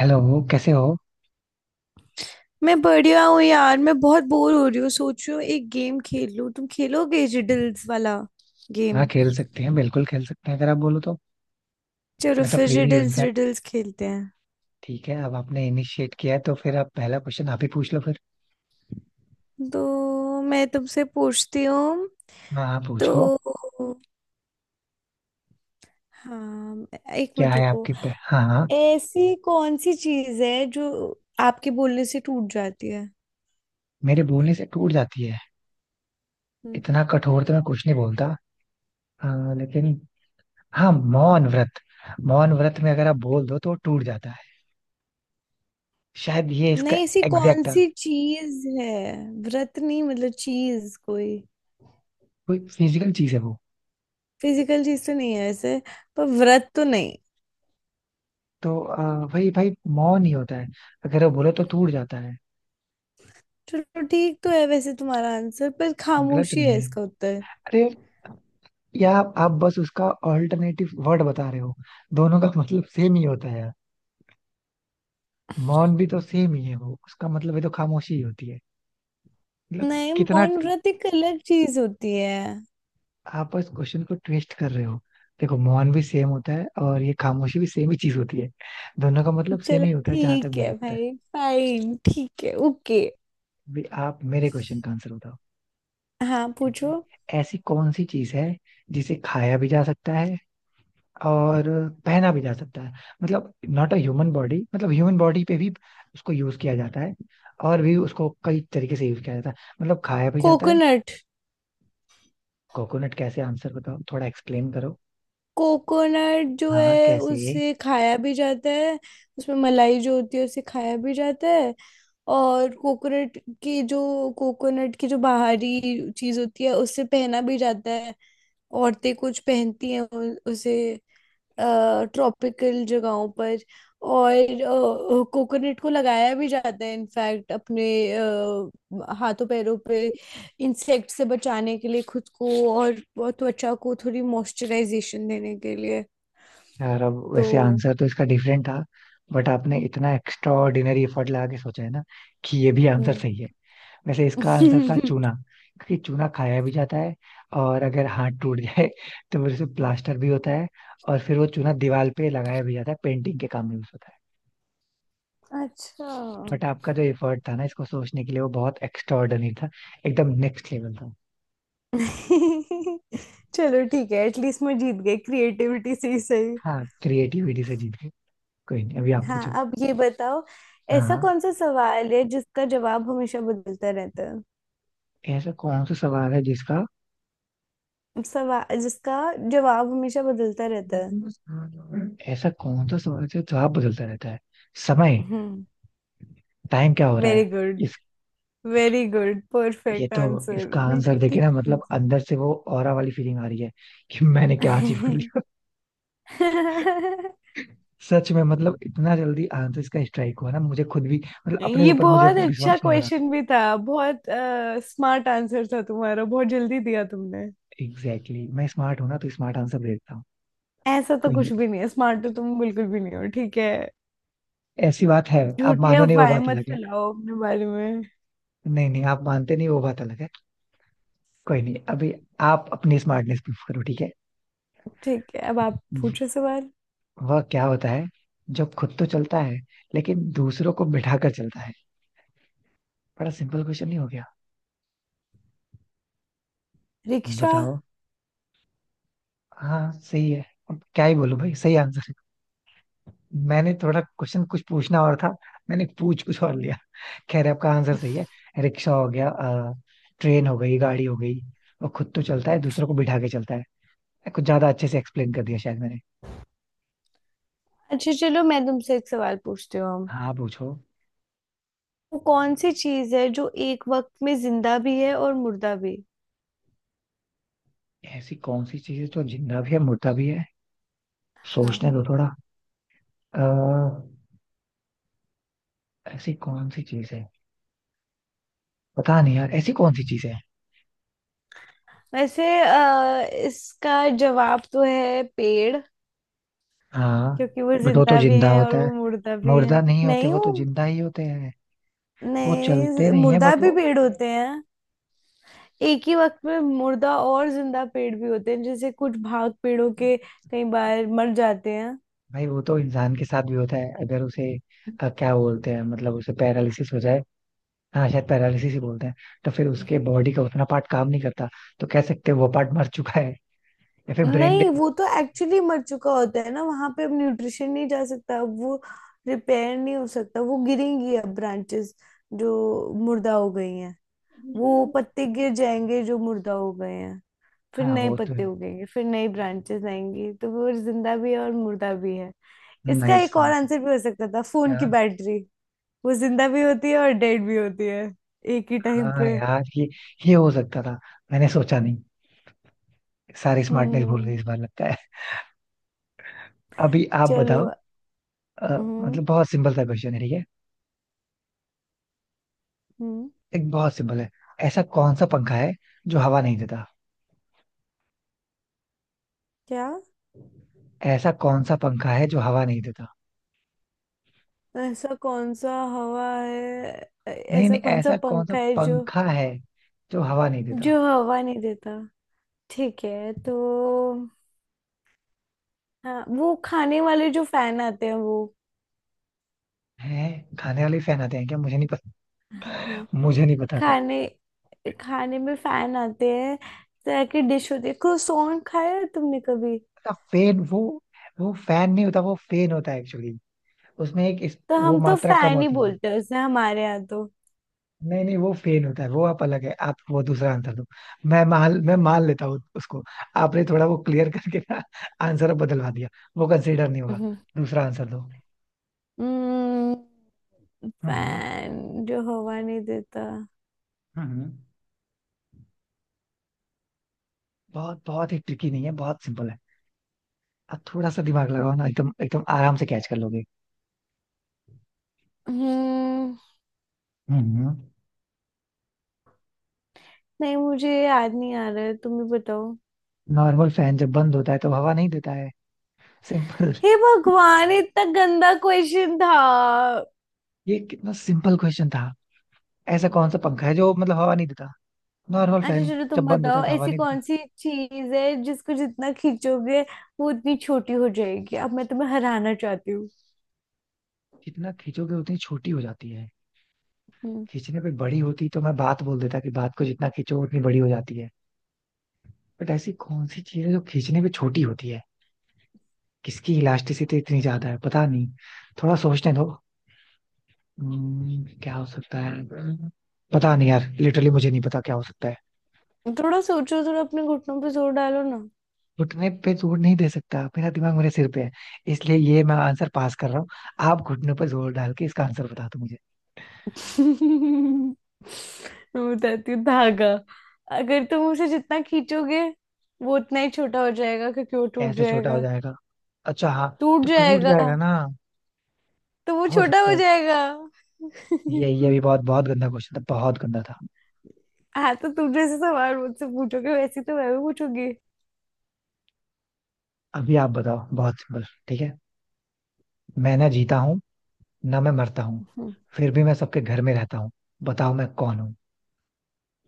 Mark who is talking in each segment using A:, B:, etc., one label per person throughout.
A: Hello. कैसे हो?
B: मैं बढ़िया हूँ यार। मैं बहुत बोर हो रही हूँ, सोच रही हूँ एक गेम खेल लूँ। तुम खेलोगे रिडल्स वाला
A: हाँ,
B: गेम?
A: खेल सकते हैं, बिल्कुल खेल सकते हैं, अगर आप बोलो तो।
B: चलो
A: मैं तो
B: फिर
A: फ्री भी हूँ
B: रिडल्स
A: इनफैक्ट।
B: रिडल्स खेलते हैं।
A: ठीक है, अब आपने इनिशिएट किया है तो फिर आप पहला क्वेश्चन आप ही पूछ लो फिर।
B: तो मैं तुमसे पूछती हूँ।
A: हाँ हाँ,
B: तो
A: पूछो।
B: हाँ, एक
A: क्या
B: मिनट
A: है
B: रुको।
A: आपके पे? हाँ हाँ।
B: ऐसी कौन सी चीज है जो आपके बोलने से टूट जाती है?
A: मेरे बोलने से टूट जाती है?
B: हम्म।
A: इतना कठोर तो मैं कुछ नहीं बोलता। हाँ, लेकिन हाँ, मौन व्रत। मौन व्रत में अगर आप बोल दो तो वो टूट जाता है। शायद ये इसका
B: नहीं, ऐसी कौन
A: एग्जैक्ट।
B: सी चीज है? व्रत नहीं, मतलब चीज कोई।
A: कोई फिजिकल चीज है वो?
B: फिजिकल चीज तो नहीं है वैसे, पर व्रत तो नहीं।
A: तो वही भाई, मौन ही होता है। अगर वो बोलो तो टूट जाता है।
B: चलो ठीक तो है वैसे तुम्हारा आंसर, पर
A: गलत
B: खामोशी
A: नहीं
B: है
A: है।
B: इसका उत्तर।
A: अरे, या आप बस उसका ऑल्टरनेटिव वर्ड बता रहे हो। दोनों का मतलब सेम ही होता है यार। मौन भी तो सेम ही है, वो उसका मतलब है तो खामोशी ही होती है। मतलब
B: नहीं,
A: कितना
B: मौन व्रत एक अलग चीज होती है।
A: आप इस क्वेश्चन को ट्विस्ट कर रहे हो। देखो, मौन भी सेम होता है और ये खामोशी भी सेम ही चीज होती है। दोनों का मतलब सेम
B: चलो
A: ही होता है जहां तक
B: ठीक है
A: मुझे पता है।
B: भाई, फाइन ठीक है, ओके।
A: अभी आप मेरे क्वेश्चन का आंसर बताओ।
B: हाँ
A: ठीक
B: पूछो।
A: है, ऐसी कौन सी चीज है जिसे खाया भी जा सकता है और पहना भी जा सकता है। मतलब नॉट अ ह्यूमन बॉडी, मतलब ह्यूमन बॉडी पे भी उसको यूज किया जाता है और भी उसको कई तरीके से यूज किया जाता है। मतलब खाया भी जाता है।
B: कोकोनट।
A: कोकोनट कैसे? आंसर बताओ, थोड़ा एक्सप्लेन करो।
B: कोकोनट जो
A: हाँ
B: है
A: कैसे?
B: उसे खाया भी जाता है। उसमें मलाई जो होती है उसे खाया भी जाता है। और की जो कोकोनट की जो बाहरी चीज होती है उसे पहना भी जाता है। औरतें कुछ पहनती हैं उसे, ट्रॉपिकल जगहों पर। और कोकोनट को लगाया भी जाता है इनफैक्ट अपने हाथों पैरों पे, इंसेक्ट से बचाने के लिए खुद को। और त्वचा को थोड़ी मॉइस्चराइजेशन देने के लिए।
A: यार अब
B: तो
A: वैसे आंसर तो इसका डिफरेंट था, बट आपने इतना एक्स्ट्रा ऑर्डिनरी एफर्ट लगा के सोचा है ना कि ये भी आंसर
B: हम्म।
A: सही है। वैसे इसका आंसर था चूना। क्योंकि चूना खाया भी जाता है और अगर हाथ टूट जाए तो फिर उसे प्लास्टर भी होता है। और फिर वो चूना दीवार पे लगाया भी जाता है, पेंटिंग के काम में यूज होता है।
B: अच्छा।
A: बट आपका जो एफर्ट था ना इसको सोचने के लिए, वो बहुत एक्स्ट्राऑर्डिनरी था, एकदम नेक्स्ट लेवल था।
B: चलो ठीक है, एटलीस्ट मैं जीत गई क्रिएटिविटी से ही सही।
A: हाँ, क्रिएटिविटी से जीत गए। कोई नहीं, अभी आप
B: हाँ,
A: पूछो।
B: अब ये बताओ।
A: हाँ
B: ऐसा
A: हाँ।
B: कौन सा सवाल है जिसका जवाब हमेशा बदलता रहता है?
A: ऐसा कौन सा सवाल है जिसका?
B: सवाल जिसका जवाब हमेशा बदलता रहता है।
A: ऐसा कौन सा सवाल है जो जवाब बदलता रहता है? समय।
B: हम्म।
A: टाइम क्या हो रहा
B: वेरी
A: है?
B: गुड, वेरी गुड,
A: ये
B: परफेक्ट
A: तो
B: आंसर,
A: इसका आंसर
B: बिल्कुल
A: देखे
B: ठीक
A: ना, मतलब
B: आंसर।
A: अंदर से वो ऑरा वाली फीलिंग आ रही है कि मैंने क्या अचीव कर लिया। सच में, मतलब इतना जल्दी आंसर इसका स्ट्राइक हुआ ना मुझे खुद भी, मतलब अपने
B: ये
A: ऊपर मुझे
B: बहुत अच्छा
A: विश्वास नहीं हो रहा।
B: क्वेश्चन भी था, बहुत स्मार्ट आंसर था तुम्हारा, बहुत जल्दी दिया तुमने।
A: Exactly exactly. मैं स्मार्ट हूं ना तो स्मार्ट आंसर दे देता हूँ।
B: ऐसा तो
A: कोई नहीं,
B: कुछ भी नहीं है, स्मार्ट तो तुम बिल्कुल भी नहीं हो ठीक है।
A: ऐसी बात है, आप
B: झूठी
A: मानो नहीं, वो
B: अफवाहें
A: बात
B: मत
A: अलग है।
B: फैलाओ अपने बारे में।
A: नहीं नहीं, आप मानते नहीं, वो बात अलग है। कोई नहीं, अभी आप अपनी स्मार्टनेस प्रूफ करो, ठीक है।
B: ठीक है अब आप पूछो सवाल।
A: वह क्या होता है जब खुद तो चलता है लेकिन दूसरों को बिठा कर चलता है? बड़ा सिंपल क्वेश्चन नहीं हो गया?
B: रिक्शा।
A: बताओ। हाँ सही है। अब क्या ही बोलूं भाई, सही आंसर है। मैंने थोड़ा क्वेश्चन कुछ पूछना और था, मैंने पूछ कुछ और लिया। खैर आपका आंसर सही है। रिक्शा हो गया, ट्रेन हो गई, गाड़ी हो गई। वो खुद तो चलता है, दूसरों को बिठा के चलता है। कुछ ज्यादा अच्छे से एक्सप्लेन कर दिया शायद मैंने।
B: अच्छा चलो, मैं तुमसे एक सवाल पूछती हूँ।
A: हाँ पूछो।
B: वो कौन सी चीज है जो एक वक्त में जिंदा भी है और मुर्दा भी?
A: ऐसी कौन सी चीज है जो जिंदा भी है, मुर्दा भी है?
B: हाँ,
A: सोचने दो थोड़ा। अ, ऐसी कौन सी चीज है? पता नहीं यार, ऐसी कौन सी चीज है।
B: वैसे इसका जवाब तो है पेड़।
A: हाँ,
B: क्योंकि वो
A: बट वो तो
B: जिंदा भी
A: जिंदा
B: है और
A: होता है,
B: वो मुर्दा भी है।
A: मुर्दा नहीं होते,
B: नहीं
A: वो
B: वो,
A: तो जिंदा ही होते हैं। वो चलते
B: नहीं
A: नहीं है
B: मुर्दा
A: बट
B: भी
A: वो।
B: पेड़ होते हैं। एक ही वक्त में मुर्दा और जिंदा पेड़ भी होते हैं, जैसे कुछ भाग पेड़ों के कई बार मर जाते हैं।
A: भाई वो तो इंसान के साथ भी होता है, अगर उसे क्या बोलते हैं, मतलब उसे पैरालिसिस हो जाए। हाँ, शायद पैरालिसिस ही बोलते हैं। तो फिर उसके बॉडी का उतना पार्ट काम नहीं करता, तो कह सकते हैं वो पार्ट मर चुका है। या फिर ब्रेन
B: नहीं
A: डेड।
B: वो तो एक्चुअली मर चुका होता है ना, वहां पे अब न्यूट्रिशन नहीं जा सकता, अब वो रिपेयर नहीं हो सकता। वो गिरेंगी अब ब्रांचेस जो मुर्दा हो गई हैं, वो पत्ते गिर जाएंगे जो मुर्दा हो गए हैं, फिर
A: हाँ
B: नए
A: वो तो
B: पत्ते
A: है।
B: उगेंगे, फिर नई ब्रांचेस आएंगी। तो वो जिंदा भी है और मुर्दा भी है। इसका
A: नाइस
B: एक और
A: आंसर
B: आंसर भी हो सकता था, फोन की
A: यार।
B: बैटरी। वो जिंदा भी होती है और डेड भी होती है, एक ही टाइम
A: हाँ
B: पे।
A: यार, ये हो सकता था, मैंने सोचा नहीं। सारी स्मार्टनेस भूल
B: हम्म।
A: गई इस बार लगता है। अभी आप
B: चलो।
A: बताओ। अ,
B: हम्म।
A: मतलब बहुत सिंपल सा क्वेश्चन है, ठीक है।
B: हम्म।
A: एक बहुत सिंपल है। ऐसा कौन सा पंखा है जो हवा नहीं देता?
B: क्या?
A: ऐसा कौन सा पंखा है जो हवा नहीं देता?
B: ऐसा कौन सा हवा है? ऐ-
A: नहीं
B: ऐसा
A: नहीं,
B: कौन सा
A: ऐसा कौन सा
B: पंखा है जो,
A: पंखा है जो हवा नहीं देता?
B: जो हवा नहीं देता? ठीक है तो, हाँ, वो खाने वाले जो फैन आते हैं वो।
A: है? खाने वाले फैन आते हैं क्या, मुझे नहीं पता।
B: हाँ,
A: मुझे नहीं पता था।
B: खाने खाने में फैन आते हैं, तरह की डिश होती है, क्रोसॉन खाया है तुमने कभी?
A: अच्छा फैन वो। वो फैन नहीं होता, वो फेन होता है एक्चुअली। उसमें
B: तो
A: वो
B: हम तो
A: मात्रा कम
B: फैन ही
A: होती है।
B: बोलते हैं उसे, हमारे यहाँ तो।
A: नहीं नहीं, वो फेन होता है, वो आप अलग है, आप वो दूसरा आंसर दो। मैं मान लेता हूँ उसको। आपने थोड़ा वो क्लियर करके ना आंसर बदलवा दिया, वो कंसिडर नहीं होगा।
B: हम्म।
A: दूसरा आंसर दो।
B: हम्म,
A: हम्म
B: फैन जो हवा नहीं देता।
A: हम्म हम्म। बहुत बहुत ही ट्रिकी नहीं है, बहुत सिंपल है। अब थोड़ा सा दिमाग लगाओ ना, एकदम एकदम आराम से कैच कर लोगे।
B: हम्म।
A: हम्म
B: नहीं, मुझे याद नहीं आ रहा है, तुम ही बताओ।
A: नॉर्मल फैन जब बंद होता है तो हवा नहीं देता है, सिंपल।
B: हे भगवान, इतना गंदा क्वेश्चन था।
A: ये कितना सिंपल क्वेश्चन था। ऐसा कौन सा पंखा है जो मतलब हवा नहीं देता? नॉर्मल
B: अच्छा
A: फैन
B: चलो तुम
A: जब बंद होता
B: बताओ,
A: है तो हवा
B: ऐसी
A: नहीं देता।
B: कौन सी चीज है जिसको जितना खींचोगे वो उतनी छोटी हो जाएगी? अब मैं तुम्हें हराना चाहती हूँ।
A: जितना खींचोगे उतनी छोटी हो जाती है?
B: हम्म।
A: खींचने पे बड़ी होती तो मैं बात बोल देता कि बात को जितना खींचो उतनी बड़ी हो जाती है। बट ऐसी कौन सी चीज है जो खींचने पे छोटी होती है? किसकी इलास्टिसिटी इतनी ज्यादा है, पता नहीं। थोड़ा सोचने दो। क्या हो सकता है? पता नहीं यार, लिटरली मुझे नहीं पता क्या हो सकता है।
B: थोड़ा सोचो, थोड़ा अपने घुटनों पे जोर डालो ना।
A: घुटने पे जोर नहीं दे सकता, मेरा दिमाग मेरे सिर पे है, इसलिए ये मैं आंसर पास कर रहा हूँ। आप घुटने पर जोर डाल के इसका आंसर बता दो मुझे।
B: मैं बताती हूँ, धागा। अगर तुम उसे जितना खींचोगे वो उतना ही छोटा हो जाएगा क्योंकि वो टूट
A: ऐसे छोटा हो
B: जाएगा।
A: जाएगा? अच्छा हाँ।
B: टूट
A: तो टूट
B: जाएगा
A: जाएगा ना?
B: तो वो
A: हो
B: छोटा
A: सकता
B: हो
A: है।
B: जाएगा।
A: ये भी बहुत बहुत गंदा क्वेश्चन था, बहुत गंदा था।
B: हाँ तो तुम जैसे सवाल मुझसे पूछोगे वैसे तो मैं भी पूछूंगी।
A: अभी आप बताओ, बहुत सिंपल, ठीक है। मैं ना जीता हूँ ना मैं मरता हूँ,
B: हम्म।
A: फिर भी मैं सबके घर में रहता हूँ। बताओ मैं कौन हूँ?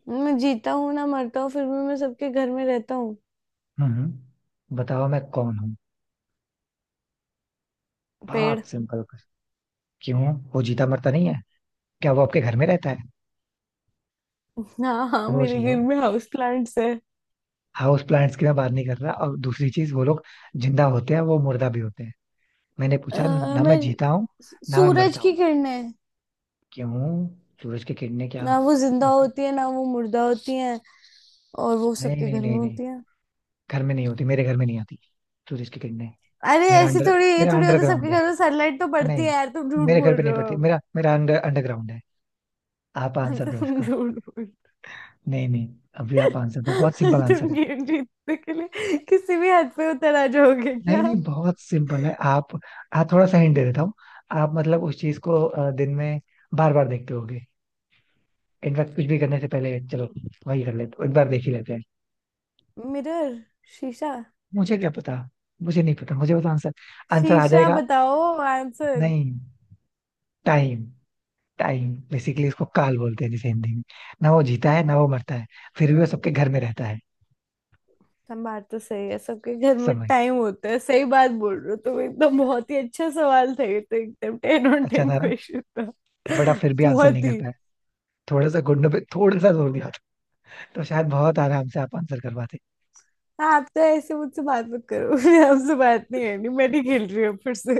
B: मैं जीता हूँ ना मरता हूँ, फिर भी मैं सबके घर में रहता हूँ।
A: हम्म, बताओ मैं कौन हूँ।
B: पेड़।
A: बहुत सिंपल। क्यों? वो जीता मरता नहीं है? क्या वो आपके घर में रहता है?
B: हाँ हाँ,
A: सोच
B: मेरे
A: लो।
B: घर में हाउस प्लांट्स है।
A: हाउस प्लांट्स की मैं बात नहीं कर रहा। और दूसरी चीज, वो लोग जिंदा होते हैं, वो मुर्दा भी होते हैं? मैंने पूछा ना मैं
B: मैं,
A: जीता हूँ ना मैं
B: सूरज
A: मरता
B: की
A: हूँ।
B: किरणें।
A: क्यों? सूरज की किरणें क्या?
B: ना वो जिंदा
A: ओके।
B: होती है ना वो मुर्दा होती है, और वो
A: नहीं
B: सबके
A: नहीं
B: घर में
A: नहीं नहीं,
B: होती है।
A: घर में नहीं होती, मेरे घर में नहीं आती सूरज की किरणें।
B: अरे
A: मेरा
B: ऐसे
A: अंडर
B: थोड़ी, ये
A: मेरा
B: थोड़ी होता है।
A: अंडरग्राउंड
B: सबके
A: है।
B: घर में सनलाइट तो पड़ती है
A: नहीं,
B: यार, तुम झूठ
A: मेरे घर
B: बोल
A: पे नहीं
B: रहे हो
A: पड़ती,
B: अब।
A: मेरा मेरा अंडरग्राउंड है। आप आंसर दो
B: तुम
A: इसका।
B: झूठ बोल।
A: नहीं नहीं, अभी आप आंसर दो, बहुत सिंपल
B: तुम
A: आंसर है।
B: गेम जीतने के लिए किसी भी हद पे उतर आ जाओगे
A: नहीं
B: क्या?
A: नहीं, बहुत सिंपल है। आप थोड़ा सा हिंट दे देता हूँ। आप मतलब उस चीज को दिन में बार बार देखते होगे। इनफैक्ट कुछ भी करने से पहले चलो वही कर लेते, एक बार देख ही लेते हैं।
B: मिरर, शीशा।
A: मुझे क्या पता? मुझे नहीं पता, मुझे पता आंसर, आंसर आ
B: शीशा,
A: जाएगा।
B: बताओ आंसर।
A: नहीं। टाइम। टाइम, बेसिकली इसको काल बोलते हैं जैसे हिंदी में। ना वो जीता है ना वो मरता है, फिर भी वो सबके घर में रहता है।
B: हम, बात तो सही है, सबके घर में
A: समय।
B: टाइम होता है, सही बात बोल रहे हो तुम एकदम, बहुत ही अच्छा सवाल था ये तो, एकदम 10 ऑन
A: अच्छा
B: 10
A: था ना?
B: क्वेश्चन था।
A: बड़ा फिर भी आंसर नहीं
B: बहुत
A: कर
B: ही,
A: पाया। थोड़ा सा घुटनों पे थोड़ा सा जोर दिया था तो शायद बहुत आराम से आप आंसर कर पाते।
B: आप तो ऐसे मुझसे बात मत करो। आपसे बात नहीं है, नहीं मैं नहीं खेल रही हूँ फिर से।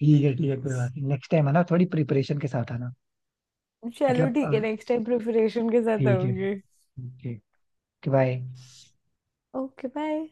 A: ठीक है ठीक है, कोई बात नहीं, नेक्स्ट टाइम आना थोड़ी प्रिपरेशन के साथ आना।
B: चलो
A: मतलब
B: ठीक है, नेक्स्ट टाइम प्रिपरेशन के साथ
A: ठीक है,
B: आऊंगी।
A: Okay, bye.
B: Okay bye.